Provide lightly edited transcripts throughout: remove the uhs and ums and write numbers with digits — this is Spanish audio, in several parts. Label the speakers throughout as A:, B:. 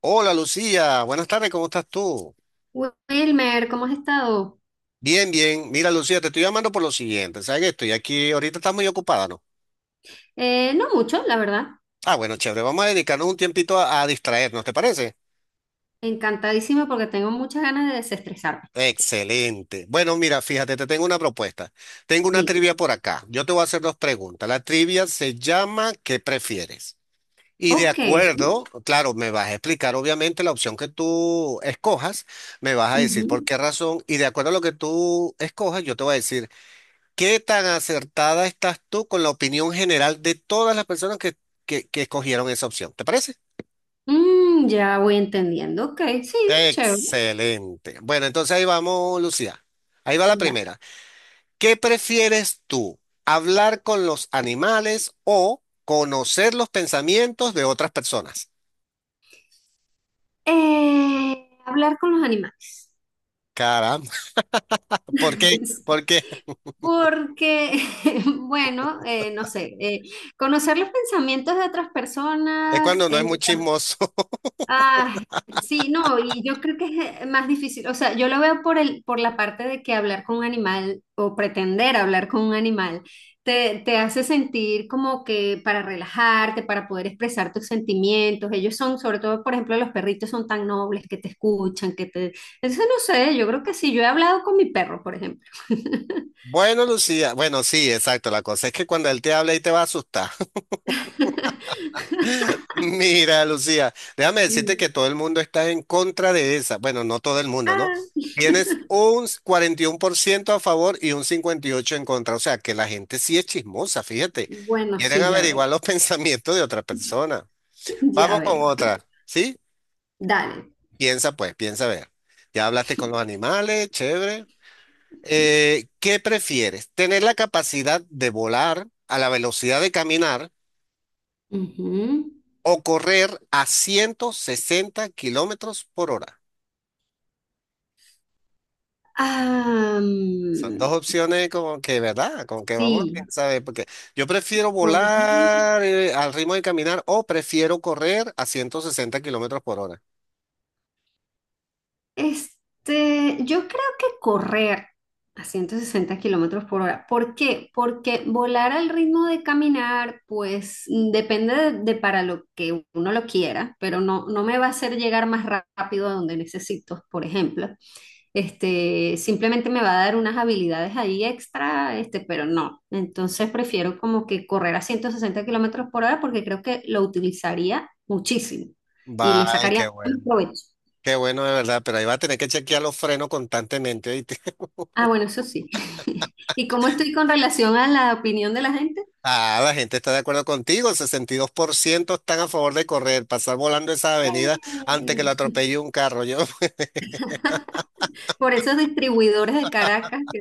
A: Hola Lucía, buenas tardes, ¿cómo estás tú?
B: Wilmer, ¿cómo has estado?
A: Bien, bien. Mira Lucía, te estoy llamando por lo siguiente. ¿Sabes que estoy aquí? Ahorita estás muy ocupada, ¿no?
B: No mucho, la verdad.
A: Ah, bueno, chévere. Vamos a dedicarnos un tiempito a distraernos, ¿te parece?
B: Encantadísima porque tengo muchas ganas de desestresarme.
A: Excelente. Bueno, mira, fíjate, te tengo una propuesta. Tengo una
B: Di,
A: trivia por acá. Yo te voy a hacer dos preguntas. La trivia se llama ¿Qué prefieres? Y de
B: ok.
A: acuerdo, claro, me vas a explicar obviamente la opción que tú escojas, me vas a decir por
B: Ujú.
A: qué razón y de acuerdo a lo que tú escojas, yo te voy a decir ¿qué tan acertada estás tú con la opinión general de todas las personas que escogieron esa opción? ¿Te parece?
B: Ya voy entendiendo. Ok, sí, chévere.
A: Excelente. Bueno, entonces ahí vamos, Lucía. Ahí va la
B: Da.
A: primera. ¿Qué prefieres tú? ¿Hablar con los animales o conocer los pensamientos de otras personas?
B: Hablar con los animales.
A: Caramba, ¿por qué? Porque
B: Porque, bueno, no sé, conocer los pensamientos de otras
A: es
B: personas,
A: cuando no es muy chismoso.
B: ah, sí, no, y yo creo que es más difícil, o sea, yo lo veo por por la parte de que hablar con un animal o pretender hablar con un animal te hace sentir como que para relajarte, para poder expresar tus sentimientos, ellos son, sobre todo, por ejemplo, los perritos son tan nobles que te escuchan, que te... Entonces, no sé, yo creo que sí, yo he hablado con mi perro, por ejemplo.
A: Bueno, Lucía, bueno, sí, exacto. La cosa es que cuando él te habla y te va a asustar. Mira, Lucía, déjame
B: Mm.
A: decirte que todo el mundo está en contra de esa. Bueno, no todo el mundo, ¿no?
B: Ah.
A: Tienes un 41% a favor y un 58% en contra. O sea, que la gente sí es chismosa, fíjate.
B: Bueno,
A: Quieren
B: sí, ya veo,
A: averiguar los pensamientos de otra persona.
B: ya
A: Vamos con
B: veo.
A: otra, ¿sí?
B: Dale.
A: Piensa pues, piensa a ver. Ya hablaste con los animales, chévere. ¿qué prefieres? ¿Tener la capacidad de volar a la velocidad de caminar
B: Ujú.
A: o correr a 160 kilómetros por hora?
B: Ah,
A: Son dos opciones como que, ¿verdad? Como que vamos a
B: sí,
A: pensar, porque yo prefiero
B: vol-
A: volar al ritmo de caminar o prefiero correr a 160 kilómetros por hora.
B: Yo creo que correr a 160 kilómetros por hora. ¿Por qué? Porque volar al ritmo de caminar, pues depende de para lo que uno lo quiera, pero no, no me va a hacer llegar más rápido a donde necesito, por ejemplo. Simplemente me va a dar unas habilidades ahí extra, pero no. Entonces prefiero como que correr a 160 kilómetros por hora porque creo que lo utilizaría muchísimo y le
A: Bye, qué
B: sacaría más
A: bueno.
B: provecho.
A: Qué bueno de verdad, pero ahí va a tener que chequear los frenos constantemente, ¿oíste?
B: Ah, bueno, eso sí. ¿Y cómo estoy con relación a la opinión de la gente?
A: Ah, la gente está de acuerdo contigo, el 62% están a favor de correr, pasar volando esa
B: Bien.
A: avenida antes que lo atropelle un carro. Yo,
B: Por esos distribuidores de Caracas que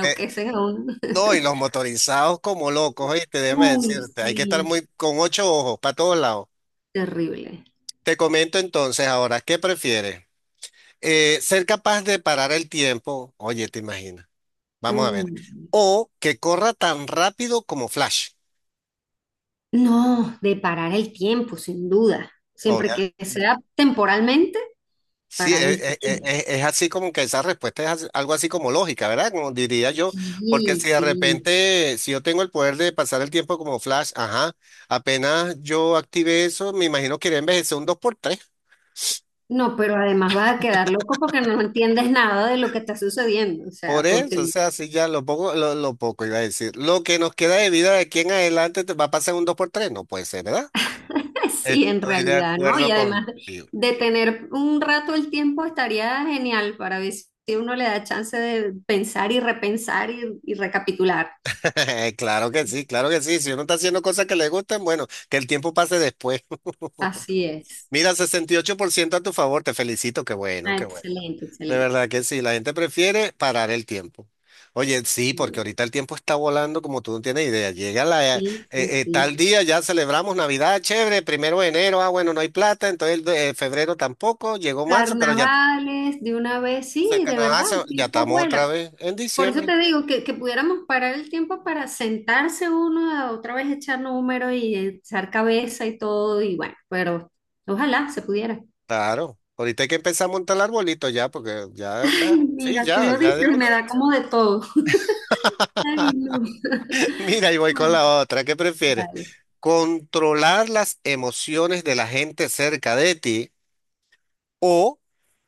A: eh,
B: a uno.
A: no, y los motorizados como locos, oíste, déjame
B: Uy,
A: decirte, hay que estar
B: sí,
A: muy con ocho ojos para todos lados.
B: terrible.
A: Te comento entonces ahora, ¿qué prefieres? ¿Ser capaz de parar el tiempo, oye, te imaginas, vamos a ver,
B: Mm.
A: o que corra tan rápido como Flash,
B: No, de parar el tiempo, sin duda. Siempre
A: obviamente?
B: que sea temporalmente,
A: Sí,
B: parar el tiempo.
A: es, así como que esa respuesta es así- algo así como lógica, ¿verdad? Como diría yo, porque
B: Sí,
A: si de
B: sí.
A: repente, si yo tengo el poder de pasar el tiempo como Flash, ajá, apenas yo active eso, me imagino que iré a envejecer un dos por tres.
B: No, pero además vas a quedar loco porque no entiendes nada de lo que está sucediendo. O
A: Por
B: sea,
A: eso, o
B: porque
A: sea, si ya lo poco iba a decir. Lo que nos queda de vida de aquí en adelante te va a pasar un 2 por 3, no puede ser, ¿verdad?
B: sí, en
A: Estoy de
B: realidad, ¿no? Y
A: acuerdo
B: además
A: contigo.
B: de tener un rato el tiempo estaría genial para ver si uno le da chance de pensar y repensar y recapitular.
A: Claro que sí, claro que sí. Si uno está haciendo cosas que le gustan, bueno, que el tiempo pase después.
B: Así es.
A: Mira, 68% a tu favor, te felicito, qué bueno,
B: Ah,
A: qué bueno.
B: excelente,
A: De
B: excelente.
A: verdad que sí, la gente prefiere parar el tiempo. Oye, sí, porque ahorita el tiempo está volando como tú no tienes idea. Llega la,
B: Sí, sí, sí.
A: tal día, ya celebramos Navidad, chévere, primero de enero, ah, bueno, no hay plata, entonces el de- febrero tampoco, llegó marzo, pero ya
B: Carnavales, de una vez,
A: se
B: sí, de
A: Canadá,
B: verdad,
A: se-
B: el
A: ya
B: tiempo
A: estamos otra
B: vuela.
A: vez en
B: Por eso
A: diciembre.
B: te digo que pudiéramos parar el tiempo para sentarse uno a otra vez echar números y echar cabeza y todo, y bueno, pero ojalá se pudiera.
A: Claro, ahorita hay que empezar a montar el arbolito ya, porque ya, ya,
B: Ay,
A: sí,
B: mira, tú
A: ya,
B: lo
A: ya
B: dices
A: de
B: y
A: una
B: me da
A: vez.
B: como de todo. Ay, no.
A: Mira, y voy con
B: Ay,
A: la otra, ¿qué prefieres?
B: dale.
A: ¿Controlar las emociones de la gente cerca de ti o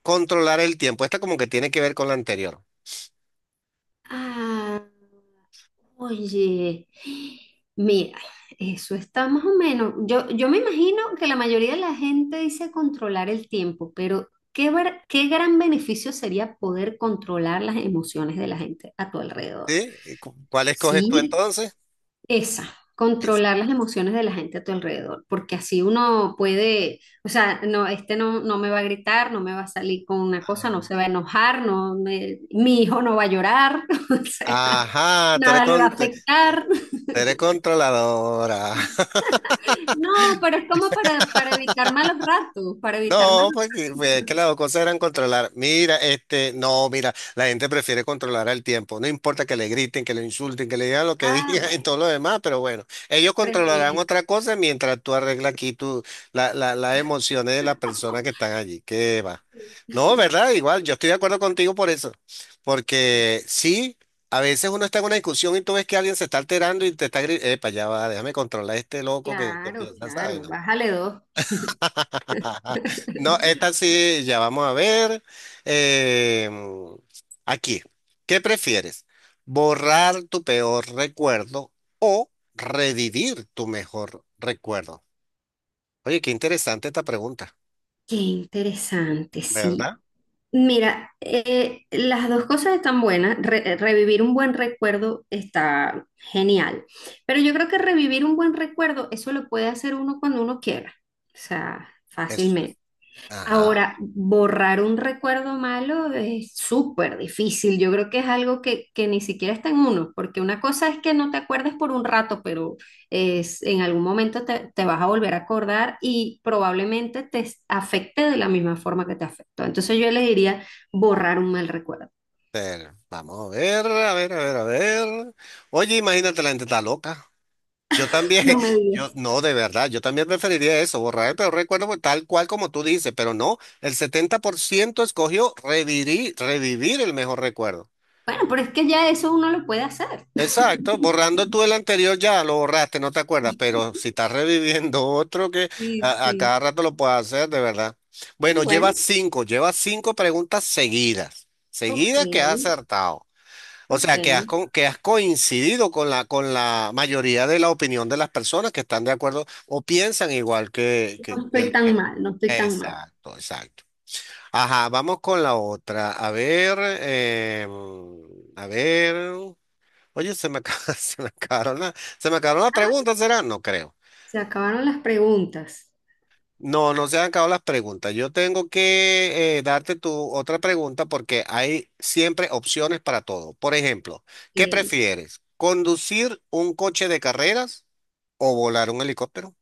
A: controlar el tiempo? Esta como que tiene que ver con la anterior.
B: Ah, oye, mira, eso está más o menos. Yo me imagino que la mayoría de la gente dice controlar el tiempo, pero qué, qué gran beneficio sería poder controlar las emociones de la gente a tu alrededor.
A: ¿Sí? ¿Y cu- cuál escoges tú
B: Sí,
A: entonces?
B: esa,
A: Es-
B: controlar las emociones de la gente a tu alrededor, porque así uno puede, o sea, no, este no, no me va a gritar, no me va a salir con una cosa,
A: ah,
B: no se va a enojar, mi hijo no va a llorar, o sea,
A: ajá, tú eres,
B: nada le va a
A: con- tú
B: afectar.
A: eres controladora.
B: No, pero es como para evitar malos ratos, para evitar
A: No,
B: malos...
A: pues, que las dos cosas eran controlar. Mira, este, no, mira, la gente prefiere controlar al tiempo. No importa que le griten, que le insulten, que le digan lo que
B: Ah,
A: digan y
B: bueno,
A: todo lo demás, pero bueno, ellos controlarán
B: preferir.
A: otra cosa mientras tú arreglas aquí tu, las emociones de las personas que están allí. ¿Qué va? No, ¿verdad? Igual, yo estoy de acuerdo contigo por eso. Porque sí, a veces uno está en una discusión y tú ves que alguien se está alterando y te está gritando, epa, ya va, déjame controlar a este loco que
B: Claro,
A: piensa, ¿sabes?
B: claro, bájale dos.
A: No, esta sí, ya vamos a ver. Eh, aquí, ¿Qué prefieres? ¿Borrar tu peor recuerdo o revivir tu mejor recuerdo? Oye, qué interesante esta pregunta,
B: Qué interesante, sí.
A: ¿verdad?
B: Mira, las dos cosas están buenas. Revivir un buen recuerdo está genial. Pero yo creo que revivir un buen recuerdo, eso lo puede hacer uno cuando uno quiera. O sea,
A: Eso es.
B: fácilmente.
A: Ajá.
B: Ahora, borrar un recuerdo malo es súper difícil. Yo creo que es algo que ni siquiera está en uno, porque una cosa es que no te acuerdes por un rato, pero es, en algún momento te vas a volver a acordar y probablemente afecte de la misma forma que te afectó. Entonces yo le diría borrar un mal recuerdo.
A: Pero vamos a ver, a ver. Oye, imagínate, la gente está loca. Yo también,
B: No me
A: yo
B: digas.
A: no, de verdad, yo también preferiría eso, borrar el peor recuerdo pues, tal cual como tú dices, pero no, el 70% escogió revivir, revivir el mejor recuerdo.
B: Bueno, pero es que ya eso uno lo puede hacer.
A: Exacto, borrando tú el anterior ya lo borraste, no te acuerdas, pero si estás reviviendo otro que
B: Sí,
A: a cada
B: sí.
A: rato lo puedes hacer, de verdad. Bueno,
B: Bueno,
A: lleva cinco preguntas seguidas,
B: ok,
A: seguidas que has acertado. O
B: ok.
A: sea, que has, co- que has coincidido con la mayoría de la opinión de las personas que están de acuerdo o piensan igual que, que,
B: No
A: que
B: estoy
A: el-
B: tan mal, no estoy tan mal.
A: exacto, exacto. Ajá, vamos con la otra. A ver, a ver. Oye, se me, acaba- se me acabaron la, se me acabaron las preguntas, ¿será? No creo.
B: Se acabaron las preguntas.
A: No, no se han acabado las preguntas. Yo tengo que darte tu otra pregunta porque hay siempre opciones para todo. Por ejemplo, ¿qué
B: Eh,
A: prefieres? ¿Conducir un coche de carreras o volar un helicóptero?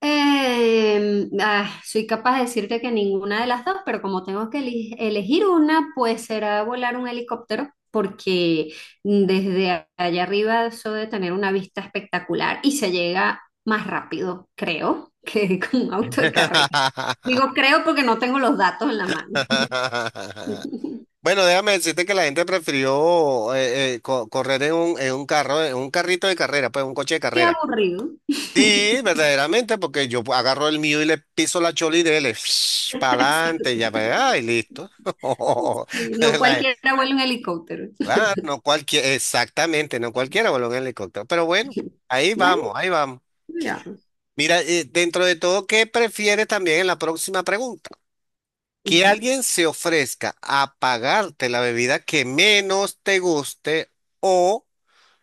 B: soy capaz de decirte que ninguna de las dos, pero como tengo que elegir una, pues será volar un helicóptero, porque desde allá arriba eso de tener una vista espectacular y se llega más rápido, creo, que con un auto de carrera. Digo creo porque no tengo los datos en la mano.
A: Bueno, déjame decirte que la gente prefirió co- correr en un carro, en un carrito de carrera, pues un coche de
B: Qué
A: carrera.
B: aburrido.
A: Sí, verdaderamente, porque yo agarro el mío y le piso la chola y dele, para adelante, ya para y listo.
B: Sí, no
A: La-
B: cualquiera vuela un helicóptero.
A: claro, no cualquiera, exactamente, no cualquiera voló en helicóptero, pero bueno, ahí vamos,
B: Bueno,
A: ahí vamos.
B: ya.
A: Mira, dentro de todo, ¿qué prefieres también en la próxima pregunta? ¿Que
B: Ujú.
A: alguien se ofrezca a pagarte la bebida que menos te guste o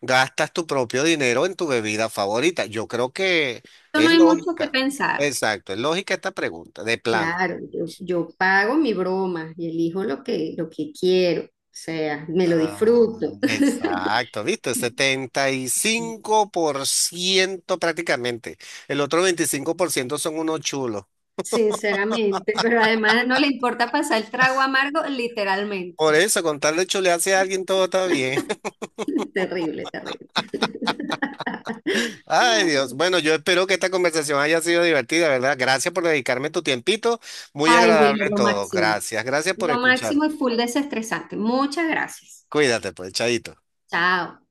A: gastas tu propio dinero en tu bebida favorita? Yo creo que
B: No
A: es
B: hay mucho que
A: lógica.
B: pensar.
A: Exacto, es lógica esta pregunta, de plano.
B: Claro, yo pago mi broma y elijo lo lo que quiero, o sea, me lo disfruto,
A: Ah, exacto, ¿viste? 75% prácticamente. El otro 25% son unos chulos.
B: sinceramente, pero además no le importa pasar el trago amargo, literalmente.
A: Por eso, con tal de chulearse a alguien, todo está bien.
B: Terrible, terrible.
A: Ay, Dios. Bueno, yo espero que esta conversación haya sido divertida, ¿verdad? Gracias por dedicarme tu tiempito. Muy
B: Ay,
A: agradable
B: Wilmer, lo
A: todo.
B: máximo.
A: Gracias, gracias por
B: Lo
A: escuchar.
B: máximo y full desestresante. Muchas gracias.
A: Cuídate, pues, chaito.
B: Chao.